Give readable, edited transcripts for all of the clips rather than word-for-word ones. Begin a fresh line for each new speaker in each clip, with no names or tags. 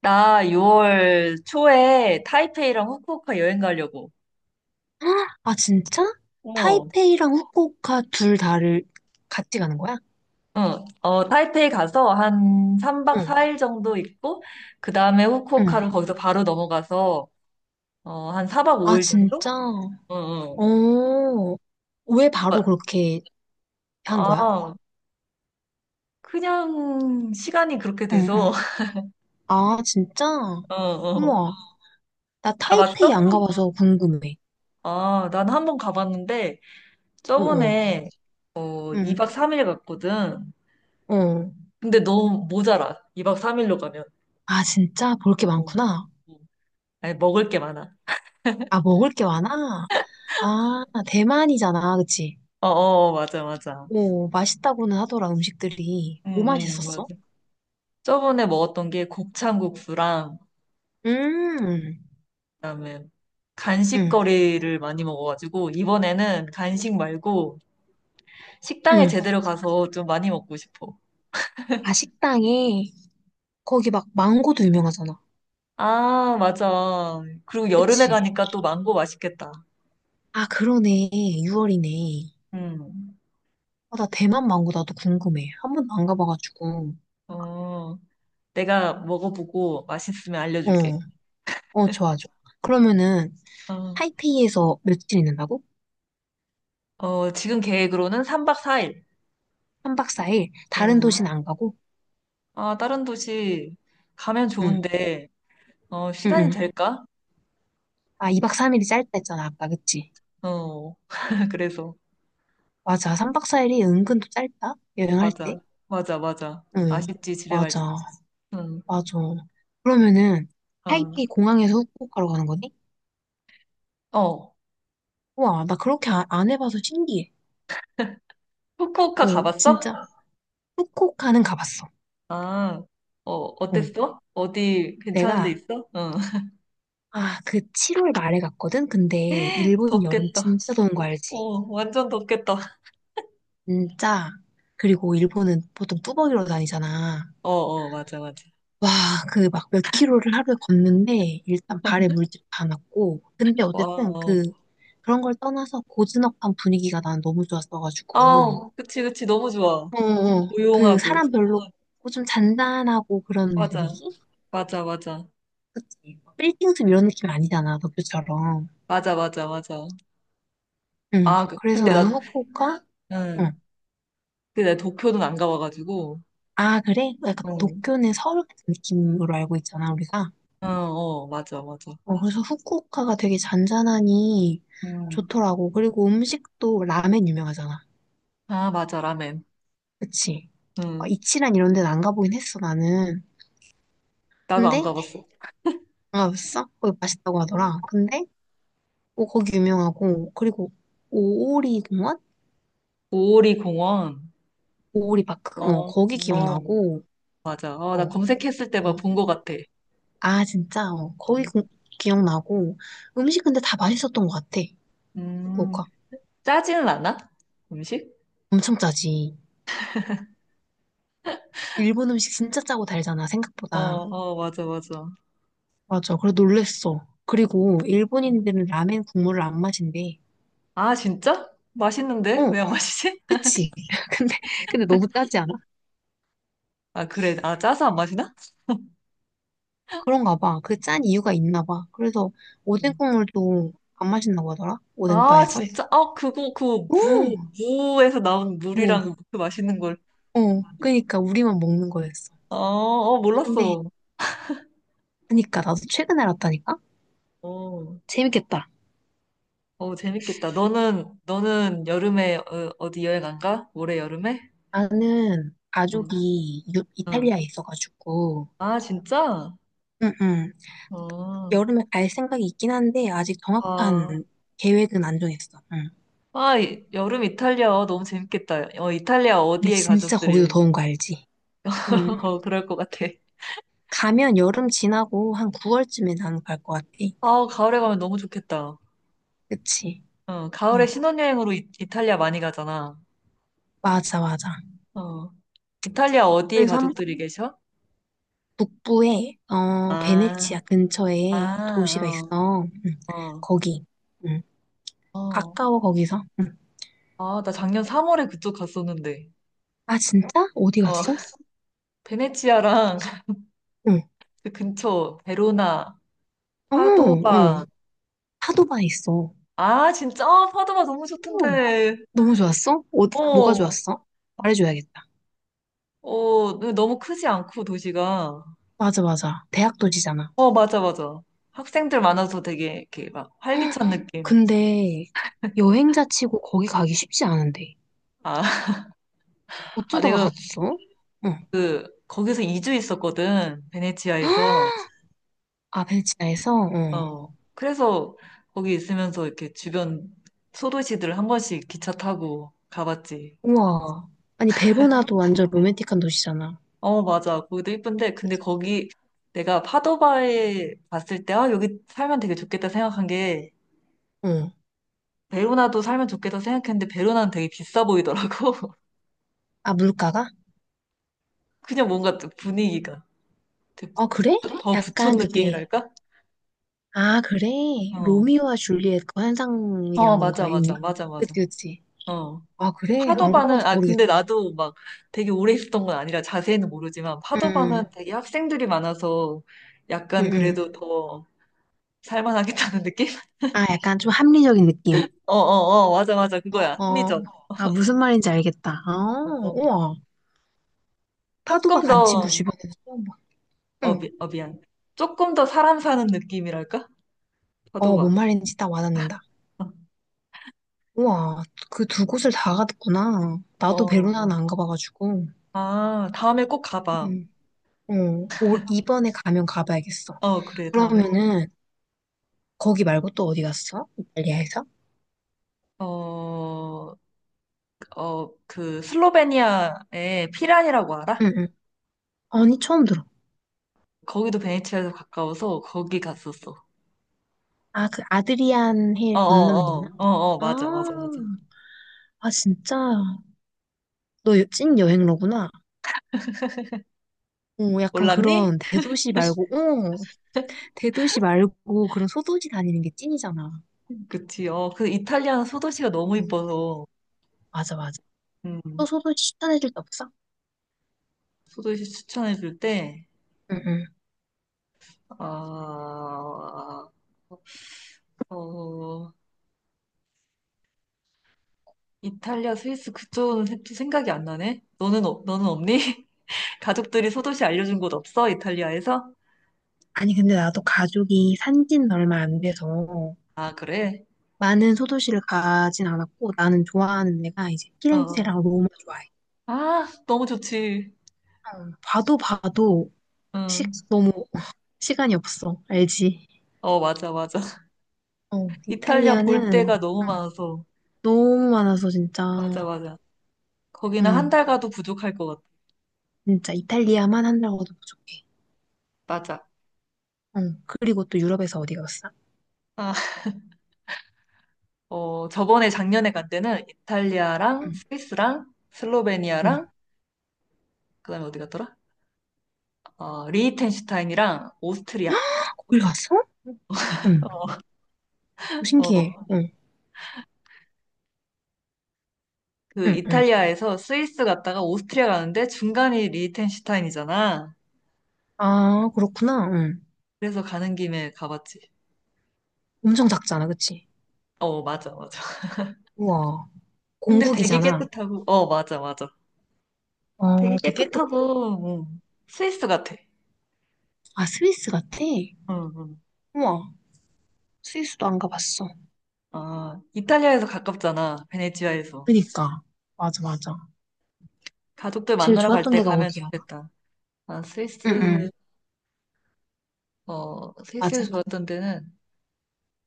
나 6월 초에 타이페이랑 후쿠오카 여행 가려고.
아, 진짜?
어,
타이페이랑 후쿠오카 둘 다를 같이 가는 거야?
응. 어, 타이페이 가서 한 3박
응,
4일 정도 있고, 그 다음에
응.
후쿠오카로 거기서 바로 넘어가서, 어, 한 4박
아,
5일 정도?
진짜?
응, 응.
어, 왜 바로 그렇게 한 거야?
아, 그냥 시간이 그렇게
응,
돼서,
응. 아, 진짜?
어, 어.
우와, 나 타이페이
가봤어?
안 가봐서 궁금해.
아, 난 한 번 가봤는데,
어, 어,
저번에 2박
응,
3일 갔거든.
어.
근데 너무 모자라. 2박 3일로 가면.
아, 진짜? 볼 게
어. 어.
많구나.
아니, 먹을 게 많아.
아, 먹을 게 많아? 아, 대만이잖아, 그치?
어, 어, 맞아, 맞아.
오, 맛있다고는 하더라, 음식들이.
응,
뭐
응, 맞아.
맛있었어?
저번에 먹었던 게 곱창국수랑,
음,
그다음에
응,
간식거리를 많이 먹어가지고, 이번에는 간식 말고 식당에
응.
제대로 가서 좀 많이 먹고 싶어.
아, 식당에, 거기 막 망고도 유명하잖아.
아, 맞아. 그리고 여름에
그치?
가니까 또 망고 맛있겠다.
아, 그러네. 6월이네.
음.
아, 나 대만 망고 나도 궁금해. 한 번도 안 가봐가지고.
어, 내가 먹어보고 맛있으면
어,
알려줄게.
어, 좋아, 좋아. 그러면은,
어,
타이페이에서 며칠 있는다고?
어, 지금 계획으로는 3박 4일.
3박 4일? 다른
음.
도시는 안 가고?
아, 다른 도시 가면
응,
좋은데, 어,
응,
시간이
응.
될까?
아, 2박 3일이 짧다 했잖아, 아까, 그치?
어, 그래서.
맞아. 3박 4일이 은근 또 짧다? 여행할 때?
맞아. 맞아, 맞아.
응,
아쉽지, 집에 갈 때.
맞아,
응,
맞아. 그러면은, 타이페이
어.
공항에서 후쿠오카로 가는 거네?
어,
우와, 나 그렇게 안 해봐서 신기해.
후쿠오카
어,
가봤어?
진짜. 후쿠오카는 가봤어.
아, 어,
어,
어땠어? 어디 괜찮은 데
내가,
있어? 응,
아, 그 7월 말에 갔거든? 근데 일본 여름
덥겠다.
진짜 더운 거
어,
알지?
완전 덥겠다.
진짜. 그리고 일본은 보통 뚜벅이로 다니잖아.
어, 어, 맞아, 맞아.
와, 그 막 몇 킬로를 하루에 걷는데 일단 발에 물집 다 났고. 근데
와,
어쨌든
어.
그, 그런 걸 떠나서 고즈넉한 분위기가 난 너무 좋았어가지고.
아, 그치, 그치, 너무 좋아.
어, 어. 그
조용하고.
사람 별로 없고 좀 잔잔하고 그런
맞아,
분위기?
맞아, 맞아.
그치. 빌딩숲 이런 느낌 아니잖아, 도쿄처럼.
맞아, 맞아, 맞아.
응.
아,
그래서
근데 나,
나는 후쿠오카, 응.
응. 근데 나 도쿄는 안 가봐가지고.
아, 그래? 뭐 약간
응,
도쿄는 서울 같은 느낌으로 알고 있잖아, 우리가.
어, 어, 맞아, 맞아.
어, 그래서 후쿠오카가 되게 잔잔하니
음.
좋더라고. 그리고 음식도 라멘 유명하잖아.
아, 맞아, 라멘.
그치? 어,
응.
이치란 이런 데는 안 가보긴 했어, 나는.
나도 안
근데,
가봤어.
안 가봤어? 거기 맛있다고
음,
하더라. 근데, 어, 거기 유명하고, 그리고 오오리 공원?
오오리 공원.
오오리 파크?
어,
어,
어,
거기 기억나고,
맞아. 어,
어.
나 검색했을 때 막
어.
본 것 같아.
아, 진짜? 어, 거의
음,
기억나고. 음식 근데 다 맛있었던 것 같아.
음,
후쿠오카.
짜지는 않아? 음식?
엄청 짜지. 일본 음식 진짜 짜고 달잖아,
어,
생각보다.
어, 맞아, 맞아.
맞아. 그래, 놀랬어. 그리고 일본인들은 라멘 국물을 안 마신대.
아, 진짜? 맛있는데? 왜
어,
안 마시지?
그치? 근데, 근데 너무 짜지 않아?
아, 그래. 아, 짜서 안 마시나?
그런가 봐. 그 짠 이유가 있나 봐. 그래서 오뎅
음.
국물도 안 마신다고 하더라?
아,
오뎅바에서?
진짜? 아, 그거, 그,
어,
무에서 나온
뭐,
물이랑 그 맛있는 걸.
어. 그니까 우리만 먹는 거였어.
어, 어,
근데,
몰랐어.
그니까 나도 최근에 알았다니까?
어.
재밌겠다.
어, 재밌겠다. 너는, 너는 여름에 어, 어디 여행 안 가? 올해 여름에?
나는
응,
가족이
응.
이탈리아에 있어가지고,
아, 진짜?
응, 응.
어,
여름에 갈 생각이 있긴 한데, 아직
아,
정확한 계획은 안 정했어. 응.
아, 여름 이탈리아 너무 재밌겠다. 어, 이탈리아
근데
어디에
진짜 거기도
가족들이
더운 거 알지? 응.
어, 그럴 것 같아.
가면 여름 지나고 한 9월쯤에 나는 갈 것 같아.
아, 가을에 가면 너무 좋겠다.
그치?
어,
어,
가을에 신혼여행으로 이탈리아 많이 가잖아.
맞아, 맞아.
어, 이탈리아 어디에
그래서 한
가족들이 계셔?
북부에, 어,
아,
베네치아 근처에 도시가
아,
있어. 응.
어,
거기. 응.
어, 어.
가까워, 거기서. 응.
아, 나 작년 3월에 그쪽 갔었는데.
아, 진짜? 어디
어,
갔어?
베네치아랑
응.
그 근처 베로나,
어, 응.
파도바.
파도바에 있어.
아, 진짜? 아, 파도바 너무
어,
좋던데.
너무 좋았어? 어, 뭐가
어,
좋았어? 말해줘야겠다.
어, 너무 크지 않고 도시가.
맞아, 맞아. 대학 도시잖아.
어, 맞아, 맞아. 학생들 많아서 되게 이렇게 막
헉,
활기찬 느낌.
근데 여행자 치고 거기 가기 쉽지 않은데.
아, 아
어쩌다가
내가
갔어? 응.
거기서 2주 있었거든. 베네치아에서.
아, 벨기에에서? 응.
어, 그래서 거기 있으면서 이렇게 주변 소도시들 한 번씩 기차 타고 가봤지.
우와. 아니, 베로나도 완전 로맨틱한 도시잖아.
어, 맞아. 거기도 예쁜데, 근데
그치?
거기 내가 파도바에 갔을 때, 아, 여기 살면 되게 좋겠다 생각한 게,
응.
베로나도 살면 좋겠다 생각했는데, 베로나는 되게 비싸 보이더라고.
아, 물가가?
그냥 뭔가 좀 분위기가. 되게
아, 그래?
더
약간
부촌
그게.
느낌이랄까?
아, 그래?
어.
로미오와 줄리엣 그 환상이랑
어, 맞아,
뭔가 있나?
맞아, 맞아,
그치,
맞아.
그치.
어.
아,
근데
그래? 안
파도바는,
가봐서
아,
모르겠다.
근데 나도 막 되게 오래 있었던 건 아니라 자세히는 모르지만,
응,
파도바는 되게 학생들이 많아서
응,
약간
응.
그래도 더 살만하겠다는 느낌?
아, 약간 좀 합리적인 느낌.
어, 어, 어, 맞아, 맞아.
어,
그거야.
어.
합리적.
아, 무슨 말인지 알겠다. 아,
어,
우와. 파도가
조금
간 친구
더,
주변에서 처음 봐.
어,
응.
미안. 조금 더 사람 사는 느낌이랄까?
어, 뭔
파도바.
말인지 딱 와닿는다. 우와, 그 두 곳을 다 갔구나.
어,
나도
어.
베로나는 안 가봐가지고.
아, 다음에 꼭 가봐.
응. 어, 올, 이번에 가면 가봐야겠어.
어, 그래, 다음에.
그러면은, 거기 말고 또 어디 갔어? 이탈리아에서?
어, 어, 그, 슬로베니아에 피란이라고 알아?
응, 응. 아니, 처음 들어.
거기도 베네치아에서 가까워서 거기 갔었어.
아, 그 아드리안
어,
해 건너면 있나?
어, 어, 어, 어,
아,
맞아, 맞아, 맞아.
아, 진짜. 너 찐 여행러구나. 어, 약간
몰랐니?
그런 대도시 말고, 어, 대도시 말고 그런 소도시 다니는 게 찐이잖아.
그치, 어, 그 이탈리아는 소도시가 너무
어.
이뻐서,
맞아, 맞아. 또
음,
소도시 추천해줄 데 없어?
소도시 추천해줄 때,
응, 응.
아, 어, 이탈리아, 스위스 그쪽은 또 생각이 안 나네? 너는 없니? 가족들이 소도시 알려준 곳 없어? 이탈리아에서?
아니, 근데 나도 가족이 산지는 얼마 안 돼서
아, 그래?
많은 소도시를 가진 않았고, 나는 좋아하는 데가 이제
어.
피렌체랑 로마 좋아해.
아, 너무 좋지.
어, 봐도 봐도
응.
시, 너무 시간이 없어. 알지?
어, 맞아, 맞아.
어,
이탈리아 볼
이탈리아는
데가 너무
응,
많아서.
너무 많아서 진짜,
맞아, 맞아. 거기는 한
응,
달 가도 부족할 것 같아.
진짜 이탈리아만 한다고도 부족해.
맞아.
응. 그리고 또 유럽에서 어디 갔어?
아, 어, 저번에 작년에 간 때는 이탈리아랑
응.
스위스랑
응.
슬로베니아랑 그다음에 어디 갔더라? 어, 리히텐슈타인이랑 오스트리아.
거길 갔어? 응. 오, 신기해.
어.
응.
그
응. 응.
이탈리아에서 스위스 갔다가 오스트리아 가는데 중간이 리히텐슈타인이잖아.
아, 그렇구나. 응.
그래서 가는 김에 가봤지.
엄청 작잖아. 그치?
어, 맞아, 맞아.
우와.
근데 되게
공국이잖아.
깨끗하고, 어, 맞아, 맞아. 되게
어, 되게 깨끗.
깨끗하고, 응. 스위스 같아.
아, 스위스 같아?
응, 응.
우와, 스위스도 안 가봤어.
아, 이탈리아에서 가깝잖아. 베네치아에서.
그니까. 맞아, 맞아.
가족들
제일
만나러 갈
좋았던
때
데가
가면
어디야?
좋겠다. 아,
응응,
스위스, 어, 스위스에서
맞아.
좋았던 데는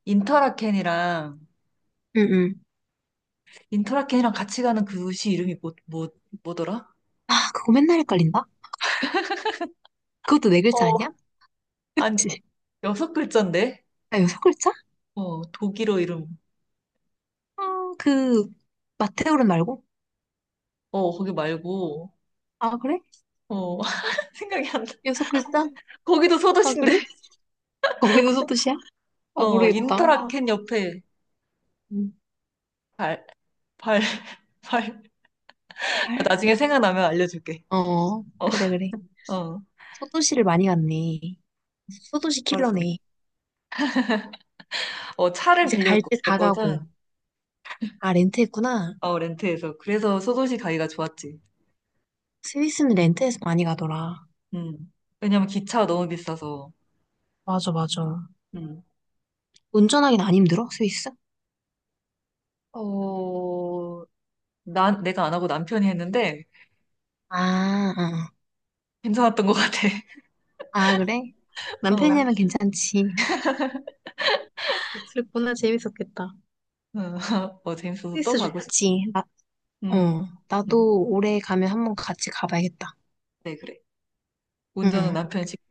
인터라켄이랑,
응응.
인터라켄이랑 같이 가는 그 도시 이름이 뭐더라?
아, 그거 맨날 헷갈린다? 그것도 네 글자
어,
아니야?
아니,
그치?
여섯 글자인데?
아, 여섯 글자?
어, 독일어 이름.
아, 그, 마테오른 말고?
어, 거기 말고.
아, 그래?
어, 생각이 안 나.
여섯 글자?
거기도
아,
소도시인데.
그래? 거기도 소도시야? 어,
어,
모르겠다. 어,
인터라켄 옆에
음.
발, 발, 발. 아,
알.
나중에 생각나면 알려줄게.
어,
어,
그래, 그래.
어,
소도시를 많이 갔네. 소도시
알았어.
킬러네.
어, 차를
이제 갈 때 다 가고.
빌렸거든.
아, 렌트했구나.
어, 렌트해서. 그래서 소도시 가기가 좋았지.
스위스는 렌트해서 많이 가더라.
음. 왜냐면 기차가 너무 비싸서.
맞아, 맞아.
음.
운전하긴 안 힘들어, 스위스?
어, 내가 안 하고 남편이 했는데
아, 아,
괜찮았던 것 같아.
아, 그래? 남
어,
편이 하면 괜찮지. 그랬구나, 재밌었겠다.
어, 어, 재밌어서 또
스위스
가고 싶어.
좋지. 나,
음,
어,
음.
나도 올해 가면 한 번 같이 가봐야겠다.
네, 그래. 운전은
응.
남편이 직접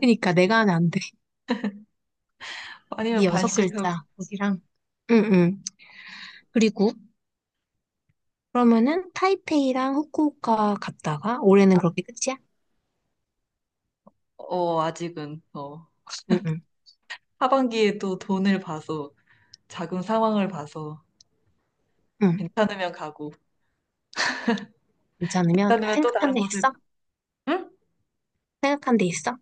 그니까 내가 하면 안 돼. 여기
아니면
여섯
반씩 하고.
글자, 거기랑. 응, 응. 그리고 그러면은 타이페이랑 후쿠오카 갔다가 올해는 그렇게 끝이야?
어, 아직은. 어,
응, 응,
하반기에 또 돈을 봐서, 자금 상황을 봐서
응.
괜찮으면 가고,
괜찮으면 아,
괜찮으면 또 다른
생각한 데
곳을
있어?
가고. 응?
생각한 데 있어?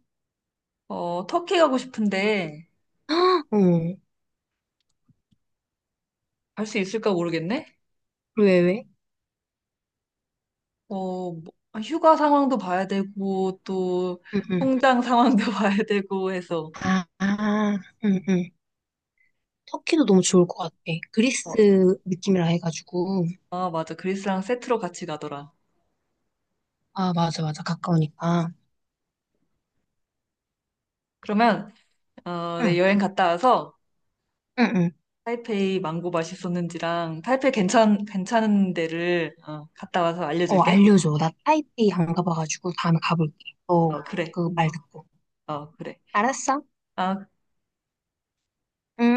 어, 터키 가고 싶은데
헉, 어,
갈 수 있을까 모르겠네.
왜, 왜?
어뭐 휴가 상황도 봐야 되고, 또
응, 응.
통장 상황도 봐야 되고 해서.
아, 아, 응, 응. 터키도 너무 좋을 것 같아. 그리스
어,
느낌이라 해가지고.
아, 맞아, 그리스랑 세트로 같이 가더라.
아, 맞아, 맞아. 가까우니까.
그러면, 어, 내
응,
여행 갔다 와서
응, 응.
타이페이 망고 맛있었는지랑 타이페이 괜찮은 데를 어, 갔다 와서
어,
알려줄게.
알려줘. 나 타이페이 안 가봐가지고 다음에 가볼게. 너
어, 그래.
그 말 듣고.
어, 그래.
알았어?
아.
응?